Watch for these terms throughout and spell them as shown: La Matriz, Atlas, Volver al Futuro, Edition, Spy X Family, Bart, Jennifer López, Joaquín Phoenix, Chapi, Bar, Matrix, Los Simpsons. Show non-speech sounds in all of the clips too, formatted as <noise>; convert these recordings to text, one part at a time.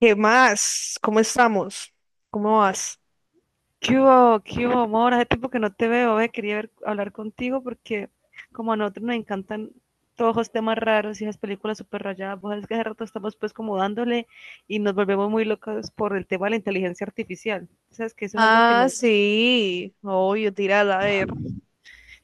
¿Qué más? ¿Cómo estamos? ¿Cómo vas? Qué hubo, amor? Hace tiempo que no te veo, ve. Quería hablar contigo porque como a nosotros nos encantan todos los temas raros y esas películas súper rayadas. Vos sabés que hace rato estamos pues como dándole y nos volvemos muy locos por el tema de la inteligencia artificial. ¿Sabes que eso es algo que Ah, nos... sí. Obvio, tírala, a ver.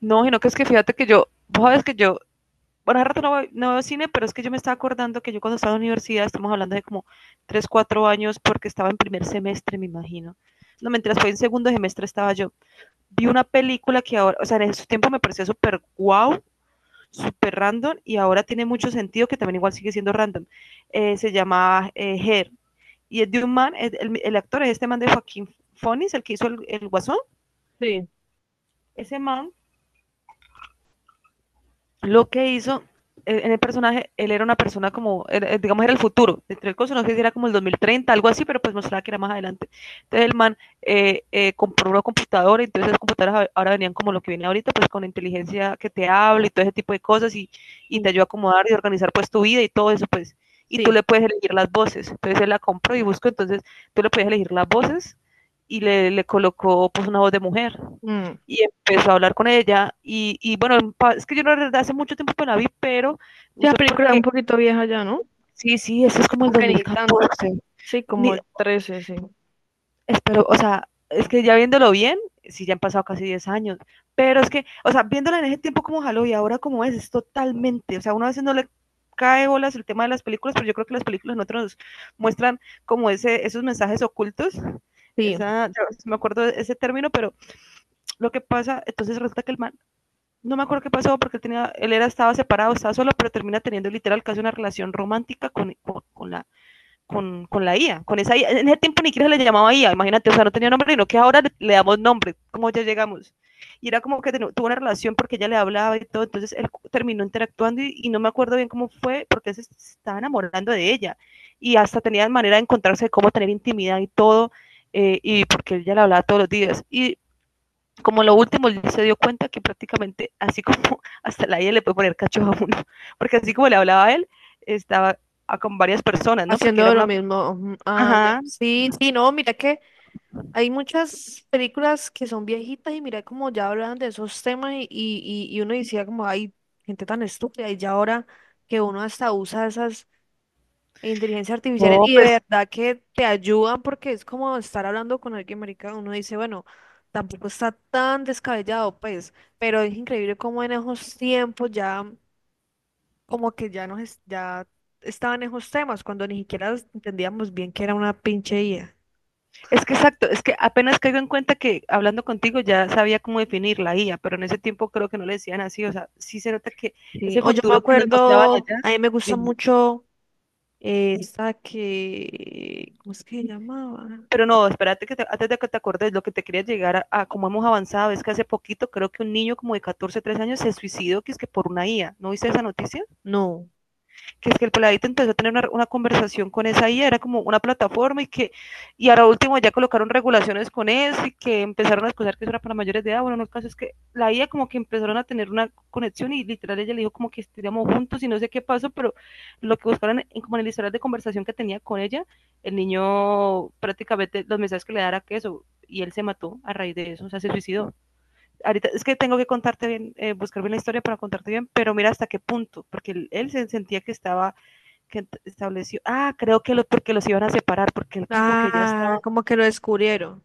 No, sino que es que fíjate que yo, vos sabes que yo, bueno, hace rato no, no veo cine, pero es que yo me estaba acordando que yo cuando estaba en la universidad, estamos hablando de como 3 4 años porque estaba en primer semestre, me imagino. No, mientras fue en segundo semestre estaba yo. Vi una película que ahora, o sea, en su tiempo me pareció súper guau, súper random y ahora tiene mucho sentido que también igual sigue siendo random. Se llama Her, y es de un man, el actor es este man de Joaquín Phoenix, el que hizo el guasón. Sí, Ese man, lo que hizo en el personaje, él era una persona como, digamos, era el futuro. Entre el coso, no sé si era como el 2030, algo así, pero pues mostraba que era más adelante. Entonces el man compró una computadora. Entonces las computadoras ahora venían como lo que viene ahorita, pues con inteligencia que te habla y todo ese tipo de cosas, y te mm, ayuda a acomodar y organizar pues tu vida y todo eso, pues. Y tú le sí. puedes elegir las voces. Entonces él la compró y buscó. Entonces tú le puedes elegir las voces y le colocó pues una voz de mujer Mm. y empezó a hablar con ella. Y bueno, es que yo la verdad hace mucho tiempo que la vi, pero Sí, no la sé por película es un qué. poquito vieja ya, ¿no? Sí, sí, eso es como el Aunque ni tanto. 2014. Sí, como Ni, el 13, sí. Espero, o sea, es que ya viéndolo bien, sí, ya han pasado casi 10 años. Pero es que, o sea, viéndola en ese tiempo como jaló y ahora como es totalmente, o sea, uno a veces no le cae bolas el tema de las películas, pero yo creo que las películas nosotros nos muestran como esos mensajes ocultos. Sí, Esa, yo no me acuerdo de ese término, pero lo que pasa, entonces resulta que el man, no me acuerdo qué pasó porque tenía, él era, estaba separado, estaba solo, pero termina teniendo literal casi una relación romántica con la IA, con esa IA. En ese tiempo ni siquiera se le llamaba IA, imagínate, o sea, no tenía nombre, sino que ahora le, damos nombre, como ya llegamos. Y era como que tuvo una relación porque ella le hablaba y todo, entonces él terminó interactuando y no me acuerdo bien cómo fue porque él se estaba enamorando de ella y hasta tenía manera de encontrarse, cómo tener intimidad y todo. Y porque ella le hablaba todos los días. Y como lo último, él se dio cuenta que prácticamente, así como <laughs> hasta la IA le puede poner cacho a uno, <laughs> porque así como le hablaba a él, estaba con varias personas, ¿no? Porque era haciendo lo una, mismo. Ujú. Ah, ya. ajá, Sí, sí, no, mira que hay muchas películas que son viejitas y mira como ya hablan de esos temas y uno decía como, hay gente tan estúpida y ya ahora que uno hasta usa esas. E inteligencia artificial no, y de pues, verdad que te ayudan porque es como estar hablando con alguien, marica. Uno dice, bueno, tampoco está tan descabellado, pues, pero es increíble cómo en esos tiempos ya, como que ya nos, ya estaban esos temas, cuando ni siquiera entendíamos bien que era una pinche IA. es que exacto, es que apenas caigo en cuenta que hablando contigo ya sabía cómo definir la IA, pero en ese tiempo creo que no le decían así, o sea, sí se nota que Sí, ese o yo me futuro que nos mostraban acuerdo, allá, a mí me gusta dime, mucho esta que, ¿cómo es que se llamaba? pero no, espérate que te, antes de que te acordes, lo que te quería llegar a, cómo hemos avanzado es que hace poquito creo que un niño como de 14 13 años se suicidó, que es que por una IA. ¿No viste esa noticia? No, Que es que el peladito empezó a tener una conversación con esa IA, era como una plataforma y que, y ahora último ya colocaron regulaciones con eso y que empezaron a escuchar que eso era para mayores de edad, bueno, no, el caso es que la IA como que empezaron a tener una conexión y literal ella le dijo como que estuviéramos juntos y no sé qué pasó, pero lo que buscaron en, como en el historial de conversación que tenía con ella, el niño prácticamente los mensajes que le daba que eso, y él se mató a raíz de eso, o sea, se suicidó. Ahorita es que tengo que contarte bien, buscar bien la historia para contarte bien, pero mira hasta qué punto, porque él se sentía que estaba, que estableció, ah, creo que lo, porque los iban a separar, porque él como que ya ah, estaba, como que lo descubrieron,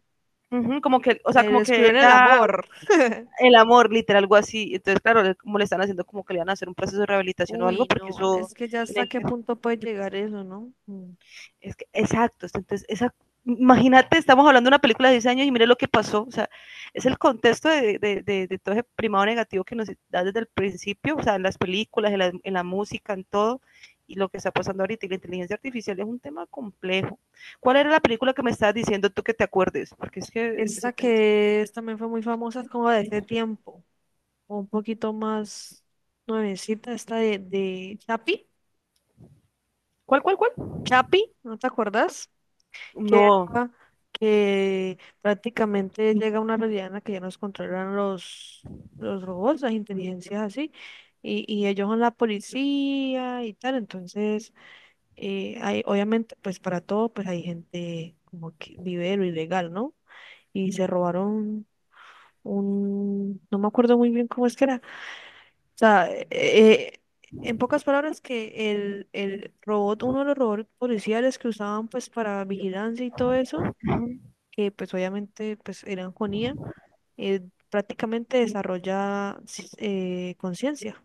uh -huh, como que, o sea, como que descubrieron el ya amor. <laughs> el amor, literal, algo así. Entonces claro, como le están haciendo como que le van a hacer un proceso de rehabilitación o algo, Uy, porque no, eso es que ya hasta tienen qué que... punto puede llegar eso, ¿no? Mm. Es que, exacto, entonces, esa, imagínate, estamos hablando de una película de 10 años y mire lo que pasó, o sea, es el contexto de, todo ese primado negativo que nos da desde el principio, o sea, en las películas, en la música, en todo, y lo que está pasando ahorita, y la inteligencia artificial es un tema complejo. ¿Cuál era la película que me estabas diciendo tú que te acuerdes? Porque es que ese Esta tema... que también fue muy famosa, es como de ese tiempo, o un poquito más nuevecita, esta de Chapi. ¿Cuál, cuál, cuál? Chapi, ¿no te acuerdas? Que, No, era- que prácticamente llega una realidad en la que ya nos controlan los robots, las inteligencias así, y ellos son la policía y tal, entonces... Hay, obviamente, pues para todo, pues hay gente como que vive de lo ilegal, ¿no? Y se robaron un, no me acuerdo muy bien cómo es que era. O sea, en pocas palabras que el robot, uno de los robots policiales que usaban pues para vigilancia y todo eso, que pues obviamente pues eran con IA, eh, prácticamente desarrolla conciencia.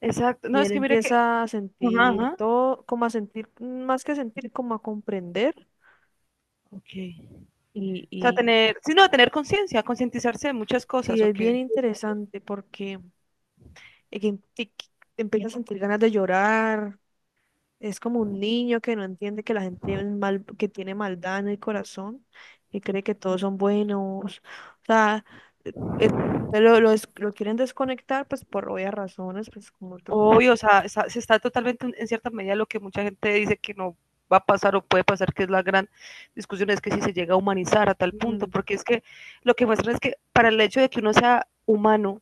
exacto, no, Y es él que mire que... empieza a Ajá, sentir ajá, todo, como a sentir, más que sentir, como a comprender. ok. O sea, Y tener, sí, no, tener conciencia, concientizarse de muchas sí, cosas, es ok. bien interesante porque que te empiezas a sentir ganas de llorar. Es como un niño que no entiende que la gente es mal, que tiene maldad en el corazón y cree que todos son buenos. O sea, eh, eh, lo, lo quieren desconectar pues por obvias razones, pues como truco. Obvio, o sea, se está totalmente en cierta medida lo que mucha gente dice que no va a pasar o puede pasar, que es la gran discusión, es que si se llega a humanizar a tal punto, Mm, porque es que lo que muestran es que para el hecho de que uno sea humano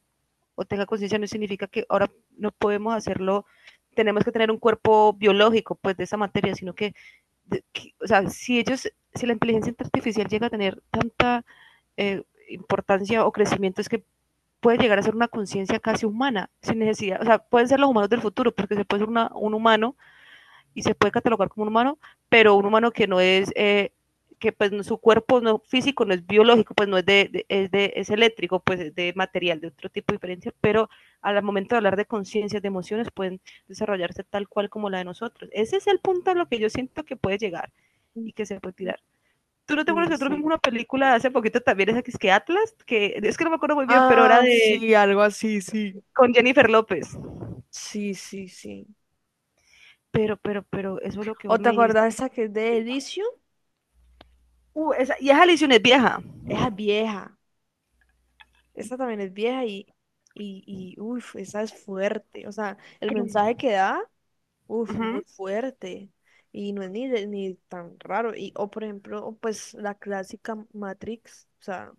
o tenga conciencia no significa que ahora no podemos hacerlo, tenemos que tener un cuerpo biológico, pues, de esa materia, sino que, o sea, si ellos, si la inteligencia artificial llega a tener tanta eh, importancia o crecimiento, es que puede llegar a ser una conciencia casi humana, sin necesidad, o sea, pueden ser los humanos del futuro, porque se puede ser una, un humano y se puede catalogar como un humano, pero un humano que no es, que pues no, su cuerpo no físico, no es biológico, pues no es de, es de, es eléctrico, pues es de material, de otro tipo de diferencia, pero al momento de hablar de conciencias, de emociones, pueden desarrollarse tal cual como la de nosotros. Ese es el punto a lo que yo siento que puede llegar mm. y que se puede tirar. ¿Tú no te acuerdas Sí, que nosotros vimos sí. una película hace poquito también, esa que es que Atlas? Que, es que no me acuerdo muy bien, pero era Ah, de sí, algo así, sí. con Jennifer López. Sí, sí, sí. Pero, eso es lo que vos ¿O te me dijiste. acordás esa que es de Edition? Esa, y esa lesión es vieja. Esa es vieja. Esta también es vieja y uff, esa es fuerte. O sea, el Pero, mensaje que da, uff, muy ujú. fuerte. Y no es ni, ni tan raro. Y, o por ejemplo, pues la clásica Matrix. O sea,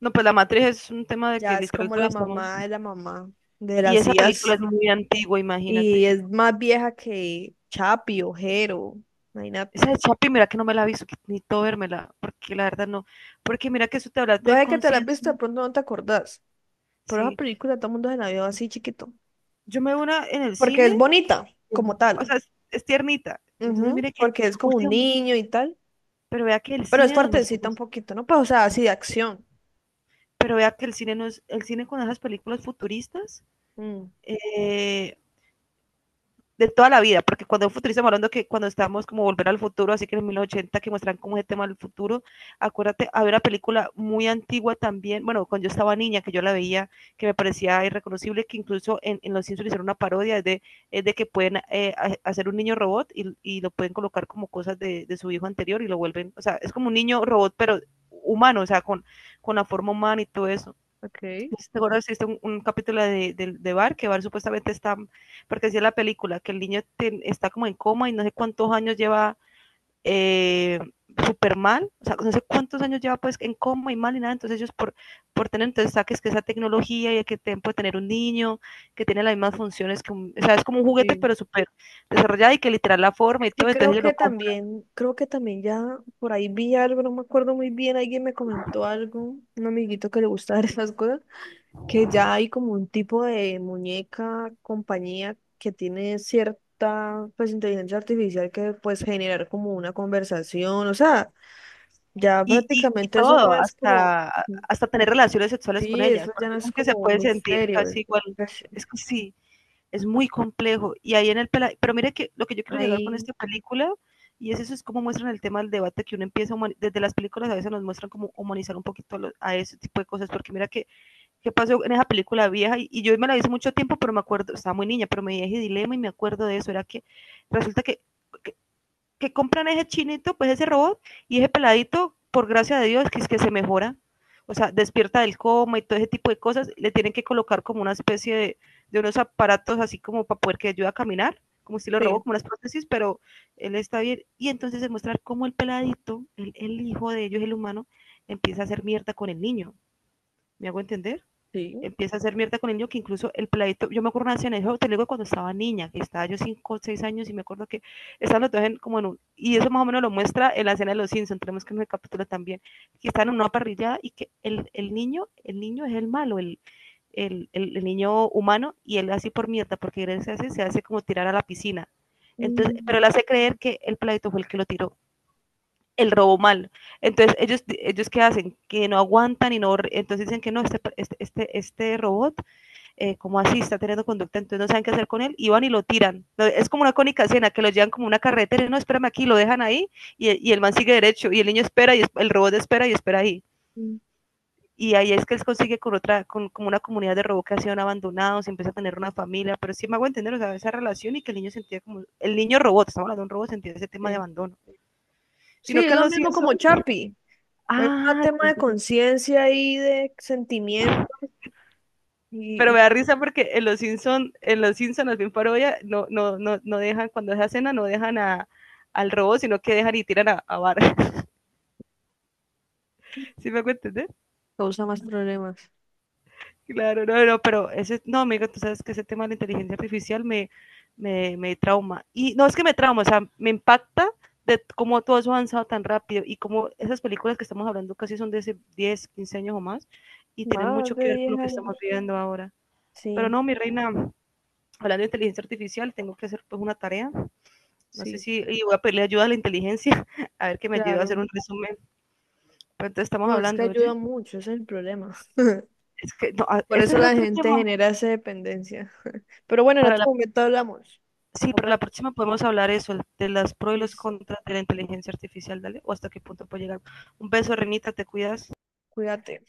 No, pues La Matriz es un tema de que ya es literal como todos estamos. La mamá de Y las esa IAs. película es muy antigua, imagínate. Y Y es más vieja que Chapi o Jero. esa Imagínate. de Chapi, mira que no me la he ni todo vérmela, porque la verdad no. Porque mira que eso te habla Yo de sé que te la has visto, de conciencia. pronto no te acordás. Pero esa Sí. película todo el mundo se la vio así chiquito. Yo me veo una en el Porque cine, es bonita, como o tal. sea, es tiernita. Entonces, Ujú, mire que, porque es como un último, niño y tal. pero vea que el Pero es cine nos fuertecita un mostramos. poquito, ¿no? Pues, o sea, así de acción. Pero vea que el cine no es, el cine con esas películas futuristas Mm. eh, de toda la vida, porque cuando futurizamos hablando que cuando estamos como volver al futuro, así que en los 1980 que muestran como ese tema del futuro, acuérdate, había una película muy antigua también, bueno, cuando yo estaba niña, que yo la veía, que me parecía irreconocible, que incluso en Los Simpsons hicieron una parodia de que pueden hacer un niño robot y lo pueden colocar como cosas de, su hijo anterior y lo vuelven, o sea, es como un niño robot, pero humano, o sea, con la forma humana y todo eso. Ok, ¿Te acuerdas que existe un capítulo de Bar? Que Bar supuestamente está, porque decía la película, que el niño está como en coma y no sé cuántos años lleva eh, súper mal, o sea, no sé cuántos años lleva pues en coma y mal y nada, entonces ellos por tener, entonces saques que esa tecnología y que tiempo de tener un niño que tiene las mismas funciones que un, o sea, es como un juguete sí. pero súper desarrollado y que literal la forma y Es todo, que entonces ellos lo compran creo que también ya por ahí vi algo, no me acuerdo muy bien, alguien me comentó algo, un amiguito que le gusta <laughs> ver esas cosas, que ya hay como un tipo de muñeca, compañía que tiene cierta, pues, inteligencia artificial que puedes generar como una conversación, o sea, ya y prácticamente eso todo, no es como... hasta tener relaciones sexuales con Sí, ellas, eso ya porque no es dicen que se como un puede sentir misterio. Casi igual, es- es que sí, es muy complejo. Y ahí en el pela- Pero mire que lo que yo quiero llegar con Ahí, esta película, y es eso, es cómo muestran el tema del debate que uno empieza, a desde las películas a veces nos muestran como humanizar un poquito a, a ese tipo de cosas, porque mira que, qué pasó en esa película vieja, y yo me la vi hace mucho tiempo, pero me acuerdo, estaba muy niña, pero me dije dilema y me acuerdo de eso, era que resulta que, que que compran ese chinito, pues ese robot y ese peladito, por gracia de Dios, que es que se mejora. O sea, despierta del coma y todo ese tipo de cosas. Le tienen que colocar como una especie de unos aparatos así como para poder que ayude a caminar, como estilo robot, sí, como las prótesis, pero él está bien. Y entonces se muestra cómo el peladito, el hijo de ellos, el humano, empieza a hacer mierda con el niño. ¿Me hago entender? sí. Empieza a hacer mierda con el niño que incluso el peladito, yo me acuerdo una escena, eso te lo digo cuando estaba niña, que estaba yo 5, o 6 años y me acuerdo que estaban los dos en, como en un, y eso más o menos lo muestra en la escena de los Simpsons, tenemos que en el capítulo también, que están en una parrillada y que el niño, el niño es el malo, el niño humano y él así por mierda, porque él se hace como tirar a la piscina. Entonces, pero él Mm, hace creer que el peladito fue el que lo tiró el robo mal. Entonces, ellos qué hacen? Que no aguantan y no, entonces dicen que no, este robot como así, está teniendo conducta, entonces no saben qué hacer con él, y van y lo tiran. No, es como una cónica escena, que lo llevan como una carretera, no, espérame aquí, lo dejan ahí, y el man sigue derecho, y el niño espera, y el robot espera y espera ahí. mm. Y ahí es que él consigue con otra, con, como una comunidad de robot que ha sido abandonados, empieza a tener una familia, pero sí me hago entender, o sea, esa relación y que el niño sentía como, el niño robot, estamos hablando de un robot, sentía ese tema de Sí. abandono. Sí, Sino es que lo los mismo como Simpsons, Chapi. Es un ah, tema de entonces, conciencia y de sentimiento pero me y da risa porque en los Simpsons, los bien parodia, no, no, no, no dejan, cuando es cena, no dejan a, al robot, sino que dejan y tiran a Bart. <laughs> ¿Sí me hago entender? causa más problemas. Claro, no, no, pero ese, no, amigo, tú sabes que ese tema de la inteligencia artificial me, me trauma. Y no es que me trauma, o sea, me impacta de cómo todo eso ha avanzado tan rápido y cómo esas películas que estamos hablando casi son de hace 10, 15 años o más y tienen Más mucho que de ver con 10 lo que estamos años. viviendo ahora. Pero Sí, no, mi reina, hablando de inteligencia artificial, tengo que hacer pues una tarea. No sé sí, si y voy a pedirle ayuda a la inteligencia, <laughs> a ver que me ayude a hacer claro. un resumen. ¿Cuánto estamos No, es que hablando? ¿Oye? ayuda mucho, ese es el problema. Es que no, ah, Por ese eso es la otro gente tema. genera esa dependencia. Pero bueno, en Para otro la, momento hablamos. sí, Nos para la vemos. próxima podemos hablar eso, de las pros y los Listo. contras de la inteligencia artificial, dale, o hasta qué punto puede llegar. Un beso, Renita, te cuidas. Cuídate.